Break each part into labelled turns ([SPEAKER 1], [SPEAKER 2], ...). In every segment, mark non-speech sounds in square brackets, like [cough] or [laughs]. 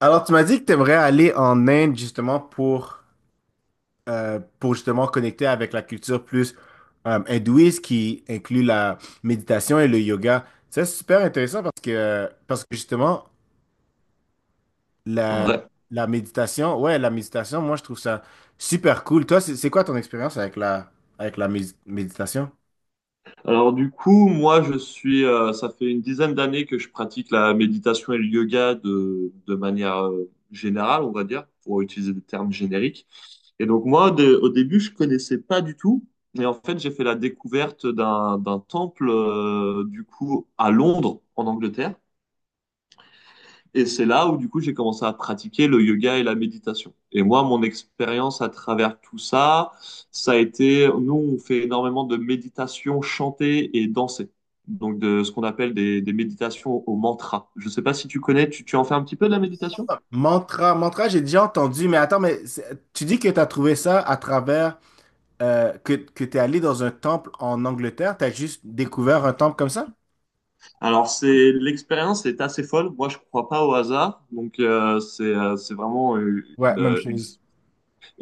[SPEAKER 1] Alors, tu m'as dit que tu aimerais aller en Inde justement pour justement connecter avec la culture plus hindouiste qui inclut la méditation et le yoga. C'est super intéressant parce que justement, la,
[SPEAKER 2] Ouais.
[SPEAKER 1] la méditation, ouais, la méditation, moi, je trouve ça super cool. Toi, c'est quoi ton expérience avec avec la méditation?
[SPEAKER 2] Alors du coup, moi, ça fait une dizaine d'années que je pratique la méditation et le yoga de manière, générale, on va dire, pour utiliser des termes génériques. Et donc moi, au début, je connaissais pas du tout. Et en fait, j'ai fait la découverte d'un temple, du coup, à Londres, en Angleterre. Et c'est là où, du coup, j'ai commencé à pratiquer le yoga et la méditation. Et moi, mon expérience à travers tout ça, ça a été, nous, on fait énormément de méditation chantée et dansée. Donc, de ce qu'on appelle des méditations au mantra. Je sais pas si tu connais, tu en fais un petit peu de la méditation?
[SPEAKER 1] Mantra, mantra, j'ai déjà entendu, mais attends, tu dis que tu as trouvé ça à travers que tu es allé dans un temple en Angleterre, tu as juste découvert un temple comme ça?
[SPEAKER 2] Alors, c'est, l'expérience est assez folle. Moi, je crois pas au hasard. Donc, c'est vraiment
[SPEAKER 1] Ouais, même
[SPEAKER 2] une
[SPEAKER 1] chose.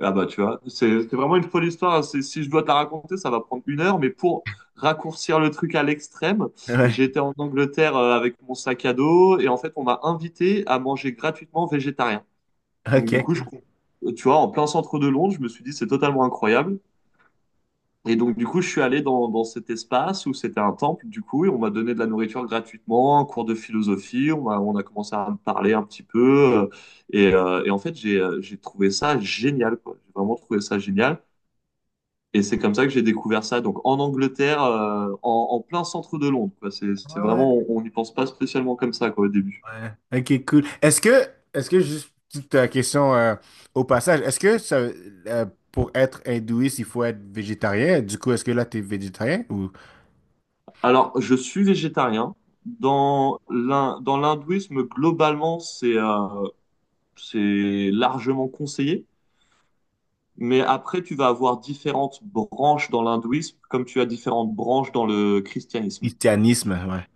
[SPEAKER 2] Ah bah, tu vois, c'est vraiment une folle histoire, hein. Si je dois te la raconter, ça va prendre une heure, mais pour raccourcir le truc à l'extrême,
[SPEAKER 1] Ouais,
[SPEAKER 2] j'étais en Angleterre avec mon sac à dos et en fait on m'a invité à manger gratuitement végétarien.
[SPEAKER 1] [laughs]
[SPEAKER 2] Donc du
[SPEAKER 1] ok,
[SPEAKER 2] coup, je,
[SPEAKER 1] cool.
[SPEAKER 2] tu vois, en plein centre de Londres, je me suis dit c'est totalement incroyable. Et donc du coup, je suis allé dans cet espace où c'était un temple du coup et on m'a donné de la nourriture gratuitement, un cours de philosophie, on a commencé à me parler un petit peu, euh, et en fait j'ai trouvé ça génial quoi. J'ai vraiment trouvé ça génial. Et c'est comme ça que j'ai découvert ça. Donc en Angleterre, en plein centre de Londres, quoi. C'est
[SPEAKER 1] Ah ouais.
[SPEAKER 2] vraiment, on n'y pense pas spécialement comme ça quoi, au début.
[SPEAKER 1] Ouais. Ok, cool. Est-ce que juste petite question au passage, pour être hindouiste, il faut être végétarien? Du coup, est-ce que là, tu es végétarien ou
[SPEAKER 2] Alors je suis végétarien. Dans l'hindouisme, globalement, c'est largement conseillé. Mais après, tu vas avoir différentes branches dans l'hindouisme, comme tu as différentes branches dans le christianisme,
[SPEAKER 1] christianisme? Ouais. [laughs]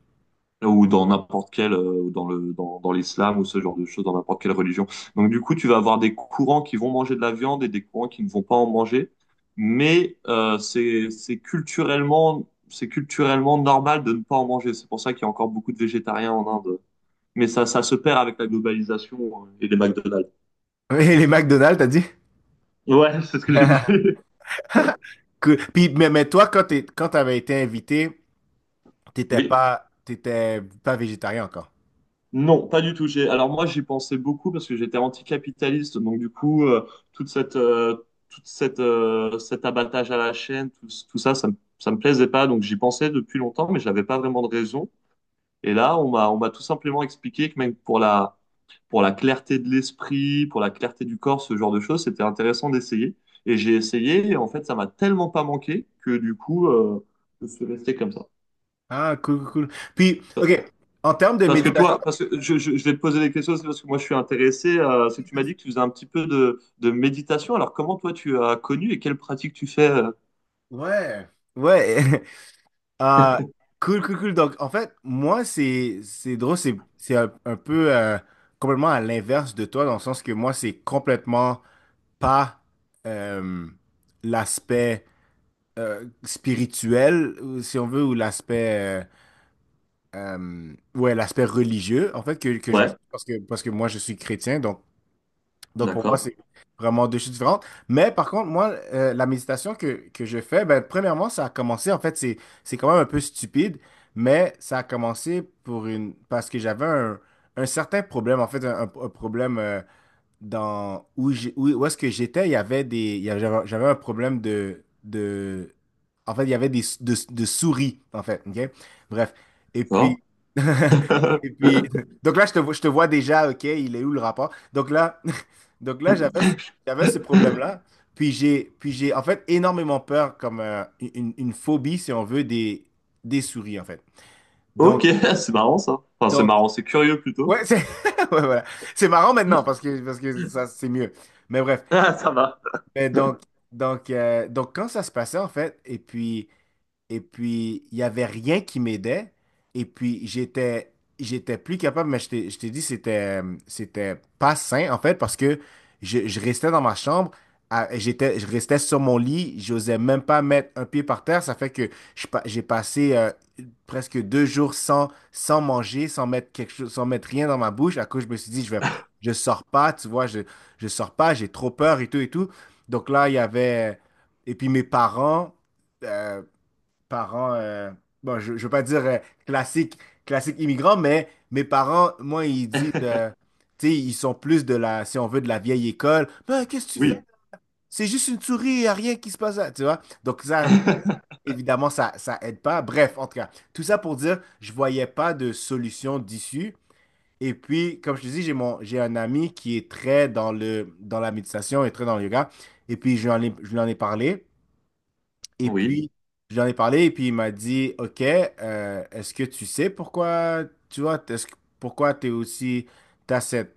[SPEAKER 2] ou dans n'importe quelle, ou dans l'islam, ou ce genre de choses, dans n'importe quelle religion. Donc, du coup, tu vas avoir des courants qui vont manger de la viande et des courants qui ne vont pas en manger. Mais c'est culturellement normal de ne pas en manger. C'est pour ça qu'il y a encore beaucoup de végétariens en Inde. Mais ça se perd avec la globalisation et les McDonald's.
[SPEAKER 1] Oui, les McDonald's, t'as dit?
[SPEAKER 2] Ouais, c'est ce que j'ai dit.
[SPEAKER 1] [laughs]
[SPEAKER 2] [laughs]
[SPEAKER 1] Cool. Puis, mais toi, quand t'avais été invité,
[SPEAKER 2] Oui.
[SPEAKER 1] t'étais pas végétarien encore.
[SPEAKER 2] Non, pas du tout. Alors moi, j'y pensais beaucoup parce que j'étais anticapitaliste. Donc du coup, cet abattage à la chaîne, tout, tout ça, ça me plaisait pas. Donc j'y pensais depuis longtemps, mais j'avais pas vraiment de raison. Et là, on m'a tout simplement expliqué que même pour la clarté de l'esprit, pour la clarté du corps, ce genre de choses, c'était intéressant d'essayer. Et j'ai essayé. Et en fait, ça m'a tellement pas manqué que du coup, je suis resté comme ça.
[SPEAKER 1] Ah, cool, cool, cool. Puis, OK, en termes de
[SPEAKER 2] Parce que
[SPEAKER 1] méditation,
[SPEAKER 2] toi, parce que je vais te poser des questions, c'est parce que moi je suis intéressé. C'est que tu m'as dit que tu faisais un petit peu de méditation. Alors comment toi tu as connu et quelle pratique tu fais.
[SPEAKER 1] ouais, ouais. [laughs] Ah, cool, cool, cool. Donc, en fait, moi, c'est drôle, c'est un peu complètement à l'inverse de toi, dans le sens que moi, c'est complètement pas euh, l'aspect spirituel, ou si on veut, ou l'aspect ouais, l'aspect religieux, en fait, que je
[SPEAKER 2] Ouais,
[SPEAKER 1] parce que moi, je suis chrétien, donc pour moi,
[SPEAKER 2] d'accord,
[SPEAKER 1] c'est vraiment deux choses différentes. Mais par contre, moi, la méditation que je fais, ben, premièrement, ça a commencé, en fait, c'est quand même un peu stupide, mais ça a commencé pour une, parce que j'avais un certain problème, en fait, un problème dans où est-ce que j'étais, il y avait des il y avait- j'avais un problème de en fait, il y avait de souris en fait, OK? Bref, et
[SPEAKER 2] d'accord.
[SPEAKER 1] puis [laughs] et puis
[SPEAKER 2] [laughs]
[SPEAKER 1] donc là je te vois déjà, OK, il est où le rapport? Donc là [laughs] donc là j'avais ce problème-là, puis j'ai en fait énormément peur comme une phobie si on veut des souris en fait. Donc
[SPEAKER 2] Ok, [laughs] c'est marrant ça. Enfin, c'est
[SPEAKER 1] donc
[SPEAKER 2] marrant, c'est curieux plutôt.
[SPEAKER 1] ouais, c'est [laughs] ouais, voilà. C'est marrant maintenant parce que ça c'est mieux. Mais bref.
[SPEAKER 2] Ah, ça va.
[SPEAKER 1] Mais donc, donc, quand ça se passait, en fait, et puis, il n'y avait rien qui m'aidait. Et puis, j'étais plus capable, mais je t'ai dit, c'était pas sain, en fait, parce que je restais dans ma chambre, je restais sur mon lit, j'osais même pas mettre un pied par terre. Ça fait que j'ai passé presque deux jours sans, sans manger, sans mettre quelque chose, sans mettre rien dans ma bouche. À cause, je me suis dit, je sors pas, tu vois, je sors pas, j'ai trop peur et tout et tout. Donc là, il y avait. Et puis, mes parents. euh, parents, euh, bon, je ne veux pas dire classique, classique immigrant, mais mes parents, moi, ils disent,
[SPEAKER 2] [laughs]
[SPEAKER 1] tu sais, ils sont plus de la, si on veut, de la vieille école. Ben, qu'est-ce que tu fais?
[SPEAKER 2] Oui,
[SPEAKER 1] C'est juste une souris, y a rien qui se passe, là, tu vois? Donc, ça, évidemment, ça aide pas. Bref, en tout cas, tout ça pour dire, je voyais pas de solution d'issue. Et puis, comme je te dis, j'ai un ami qui est très dans le, dans la méditation et très dans le yoga. Et puis, je lui en ai parlé. Et
[SPEAKER 2] oui,
[SPEAKER 1] puis, j'en ai parlé et puis il m'a dit, OK, est-ce que tu sais pourquoi, tu vois, pourquoi tu es aussi, t'as cette,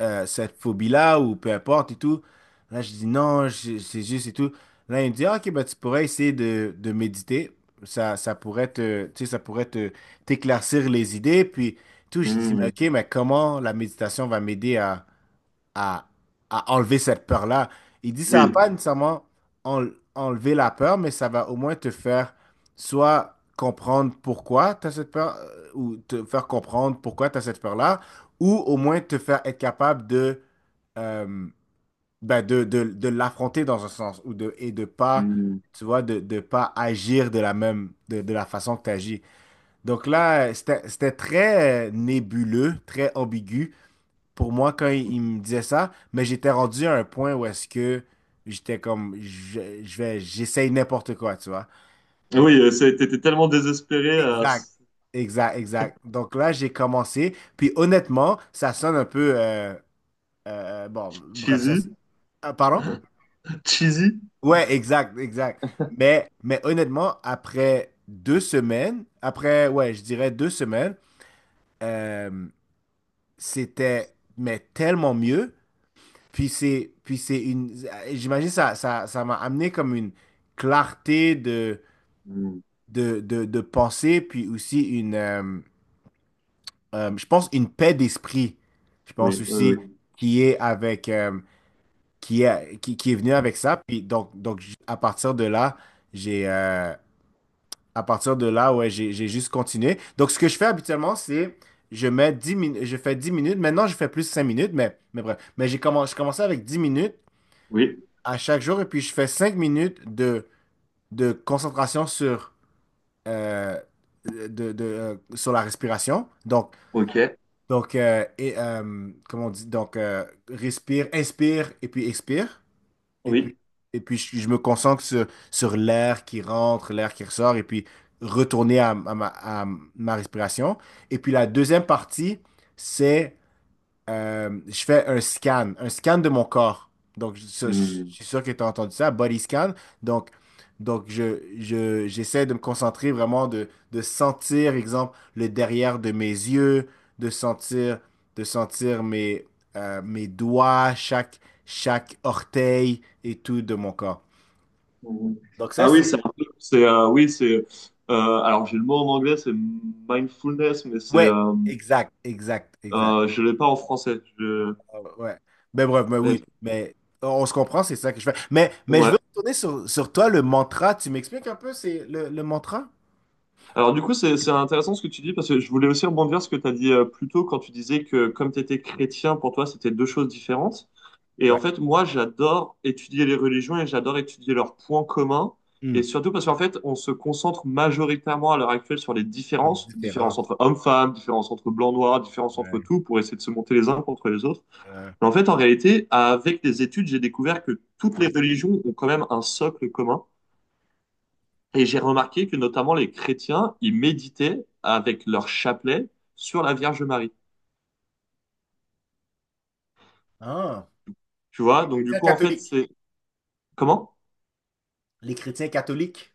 [SPEAKER 1] cette phobie-là ou peu importe et tout. Là, je dis non, c'est juste et tout. Là, il me dit, Ah, OK, ben, tu pourrais essayer de méditer. Ça pourrait te, tu sais, ça pourrait te, t'éclaircir les idées. Puis tout, je dis, mais
[SPEAKER 2] Hmm.
[SPEAKER 1] OK, mais comment la méditation va m'aider à, à enlever cette peur-là. Il dit ça va
[SPEAKER 2] Oui,
[SPEAKER 1] pas nécessairement en- enlever la peur, mais ça va au moins te faire soit comprendre pourquoi tu as cette peur, ou te faire comprendre pourquoi tu as cette peur-là, ou au moins te faire être capable de, euh, ben de l'affronter dans un sens, et de pas,
[SPEAKER 2] Hmm.
[SPEAKER 1] tu vois, de pas agir de la même, de la façon que tu agis. Donc là, c'était très nébuleux, très ambigu pour moi quand il me disait ça, mais j'étais rendu à un point où est-ce que j'étais comme je vais j'essaye n'importe quoi, tu vois.
[SPEAKER 2] Oui.
[SPEAKER 1] Donc,
[SPEAKER 2] T'étais tellement désespéré,
[SPEAKER 1] exact. Exact, exact. Donc là, j'ai commencé. Puis honnêtement, ça sonne un peu bon, bref, ça
[SPEAKER 2] cheesy,
[SPEAKER 1] ah, pardon?
[SPEAKER 2] cheesy.
[SPEAKER 1] Ouais, exact, exact. Mais honnêtement, après deux semaines, après, ouais, je dirais deux semaines, euh, c'était mais tellement mieux. Puis c'est une, j'imagine ça, ça m'a amené comme une clarté de,
[SPEAKER 2] Hmm.
[SPEAKER 1] de pensée, puis aussi une, je pense une paix d'esprit. Je
[SPEAKER 2] Oui,
[SPEAKER 1] pense
[SPEAKER 2] oui,
[SPEAKER 1] aussi
[SPEAKER 2] oui,
[SPEAKER 1] qui est avec, qui est venu avec ça. Puis donc, à partir de là, j'ai, euh, à partir de là, ouais, j'ai juste continué. Donc ce que je fais habituellement, c'est je mets 10 minutes, je fais 10 minutes. Maintenant, je fais plus 5 minutes, mais bref. Mais j'ai commencé, je commençais avec 10 minutes
[SPEAKER 2] oui.
[SPEAKER 1] à chaque jour et puis je fais cinq minutes de concentration sur, euh, sur la respiration. Donc,
[SPEAKER 2] Ok,
[SPEAKER 1] comment on dit? Donc, respire, inspire et puis expire. Et puis,
[SPEAKER 2] oui.
[SPEAKER 1] et puis je me concentre sur, sur l'air qui rentre, l'air qui ressort et puis retourner à, à ma respiration. Et puis la deuxième partie, c'est je fais un scan de mon corps. Donc, je
[SPEAKER 2] Hmm.
[SPEAKER 1] suis sûr que tu as entendu ça, body scan. Donc, donc j'essaie de me concentrer vraiment, de sentir, exemple, le derrière de mes yeux, de sentir, de sentir mes, mes doigts, chaque, chaque orteil et tout de mon corps.
[SPEAKER 2] Mhm.
[SPEAKER 1] Donc, ça,
[SPEAKER 2] Ah oui, c'est
[SPEAKER 1] c'est...
[SPEAKER 2] un peu, c'est, oui, c'est, alors j'ai le mot en anglais, c'est mindfulness, mais c'est,
[SPEAKER 1] Ouais, exact, exact, exact.
[SPEAKER 2] je l'ai pas en français. Je,
[SPEAKER 1] Ah ouais. Ouais. Mais bref, mais
[SPEAKER 2] ouais,
[SPEAKER 1] oui, mais on se comprend, c'est ça que je fais. Mais je veux
[SPEAKER 2] ouais.
[SPEAKER 1] retourner sur, sur toi, le mantra. Tu m'expliques un peu, c'est le mantra?
[SPEAKER 2] Alors du coup, c'est intéressant ce que tu dis parce que je voulais aussi rebondir sur ce que tu as dit plus tôt quand tu disais que comme tu étais chrétien, pour toi, c'était deux choses différentes. Et en
[SPEAKER 1] Ouais.
[SPEAKER 2] fait, moi, j'adore étudier les religions et j'adore étudier leurs points communs.
[SPEAKER 1] Hmm.
[SPEAKER 2] Et surtout parce qu'en fait, on se concentre majoritairement à l'heure actuelle sur les
[SPEAKER 1] Les
[SPEAKER 2] différences, différences
[SPEAKER 1] différences.
[SPEAKER 2] entre hommes-femmes, différences entre blancs-noirs, différences entre
[SPEAKER 1] Ouais.
[SPEAKER 2] tout, pour essayer de se monter les uns contre les autres.
[SPEAKER 1] Ouais.
[SPEAKER 2] Mais en fait, en réalité, avec les études, j'ai découvert que toutes les religions ont quand même un socle commun. Et j'ai remarqué que notamment les chrétiens, ils méditaient avec leur chapelet sur la Vierge Marie.
[SPEAKER 1] Ah.
[SPEAKER 2] Tu
[SPEAKER 1] Les
[SPEAKER 2] vois, donc du
[SPEAKER 1] chrétiens
[SPEAKER 2] coup, en fait,
[SPEAKER 1] catholiques.
[SPEAKER 2] c'est... Comment?
[SPEAKER 1] Les chrétiens catholiques.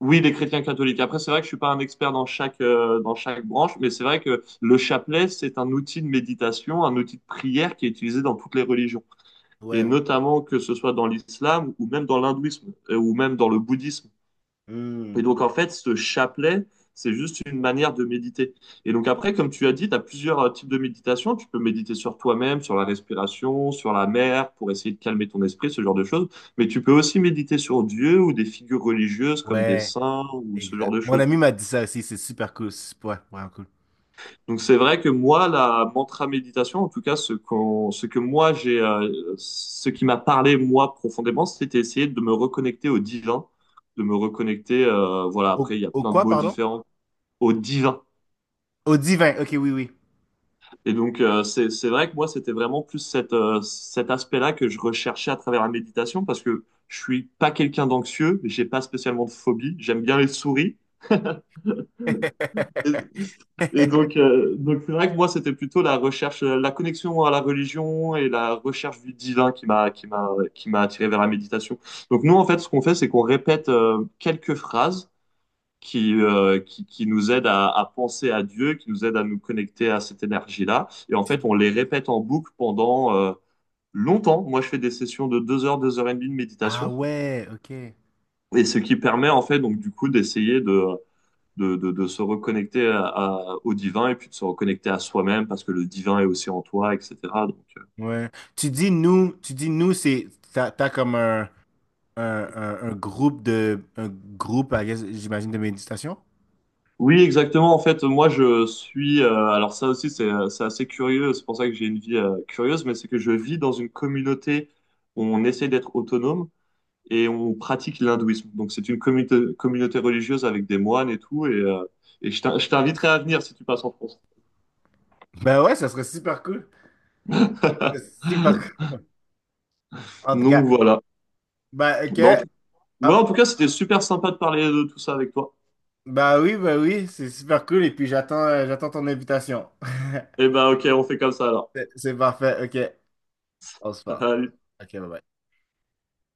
[SPEAKER 2] Oui, les chrétiens catholiques. Après, c'est vrai que je suis pas un expert dans chaque branche, mais c'est vrai que le chapelet, c'est un outil de méditation, un outil de prière qui est utilisé dans toutes les religions. Et
[SPEAKER 1] Ouais. Ouais,
[SPEAKER 2] notamment que ce soit dans l'islam ou même dans l'hindouisme, ou même dans le bouddhisme.
[SPEAKER 1] hmm.
[SPEAKER 2] Et donc, en fait, ce chapelet, c'est juste une manière de méditer. Et donc, après, comme tu as dit, tu as plusieurs types de méditation. Tu peux méditer sur toi-même, sur la respiration, sur la mer, pour essayer de calmer ton esprit, ce genre de choses. Mais tu peux aussi méditer sur Dieu ou des figures religieuses comme des
[SPEAKER 1] Ouais,
[SPEAKER 2] saints ou ce genre
[SPEAKER 1] exact.
[SPEAKER 2] de
[SPEAKER 1] Mon
[SPEAKER 2] choses.
[SPEAKER 1] ami m'a dit ça aussi, c'est super cool. c'est- Ouais, vraiment cool.
[SPEAKER 2] Donc, c'est vrai que moi, la mantra méditation, en tout cas, ce qu'on, ce que moi, j'ai, ce qui m'a parlé, moi, profondément, c'était essayer de me reconnecter au divin, de me reconnecter, voilà, après,
[SPEAKER 1] Au,
[SPEAKER 2] il y a
[SPEAKER 1] au
[SPEAKER 2] plein de
[SPEAKER 1] quoi,
[SPEAKER 2] mots
[SPEAKER 1] pardon?
[SPEAKER 2] différents, au divin.
[SPEAKER 1] Au divin. Ok, oui, oui.
[SPEAKER 2] Et donc, c'est vrai que moi, c'était vraiment plus cet aspect-là que je recherchais à travers la méditation parce que je suis pas quelqu'un d'anxieux, j'ai pas spécialement de phobie, j'aime bien les souris. Et,
[SPEAKER 1] [laughs]
[SPEAKER 2] et donc c'est vrai que moi, c'était plutôt la recherche, la connexion à la religion et la recherche du divin qui m'a attiré vers la méditation. Donc, nous, en fait, ce qu'on fait, c'est qu'on répète quelques phrases qui nous aide à penser à Dieu, qui nous aide à nous connecter à cette énergie-là. Et en fait,
[SPEAKER 1] Tu-
[SPEAKER 2] on les répète en boucle pendant longtemps. Moi, je fais des sessions de 2 heures 2 heures et demie de
[SPEAKER 1] Ah
[SPEAKER 2] méditation.
[SPEAKER 1] ouais, ok.
[SPEAKER 2] Et ce qui permet, en fait, donc, du coup, d'essayer de, de se reconnecter au divin et puis de se reconnecter à soi-même parce que le divin est aussi en toi, etc. Donc,
[SPEAKER 1] Ouais. Tu dis nous, c'est t'as, t'as comme un. Un, un groupe de un groupe, I guess, j'imagine, de méditation?
[SPEAKER 2] oui, exactement. En fait, moi, je suis. Alors, ça aussi, c'est assez curieux. C'est pour ça que j'ai une vie curieuse, mais c'est que je vis dans une communauté où on essaie d'être autonome. Et on pratique l'hindouisme. Donc c'est une communauté, communauté religieuse avec des moines et tout. Et je t'inviterai à venir si tu passes en France.
[SPEAKER 1] Ben ouais, ça serait super cool. C'est
[SPEAKER 2] [laughs]
[SPEAKER 1] super cool. En tout
[SPEAKER 2] Donc
[SPEAKER 1] cas.
[SPEAKER 2] voilà.
[SPEAKER 1] Ben ok.
[SPEAKER 2] Bah, ouais, en tout
[SPEAKER 1] Hop.
[SPEAKER 2] cas, c'était super sympa de parler de tout ça avec toi.
[SPEAKER 1] Ben oui, c'est super cool. Et puis j'attends j'attends ton invitation. [laughs]
[SPEAKER 2] Et ben ok, on fait comme ça alors.
[SPEAKER 1] C'est parfait. Ok. On se
[SPEAKER 2] [laughs]
[SPEAKER 1] parle.
[SPEAKER 2] Allez.
[SPEAKER 1] Ok, bye bye.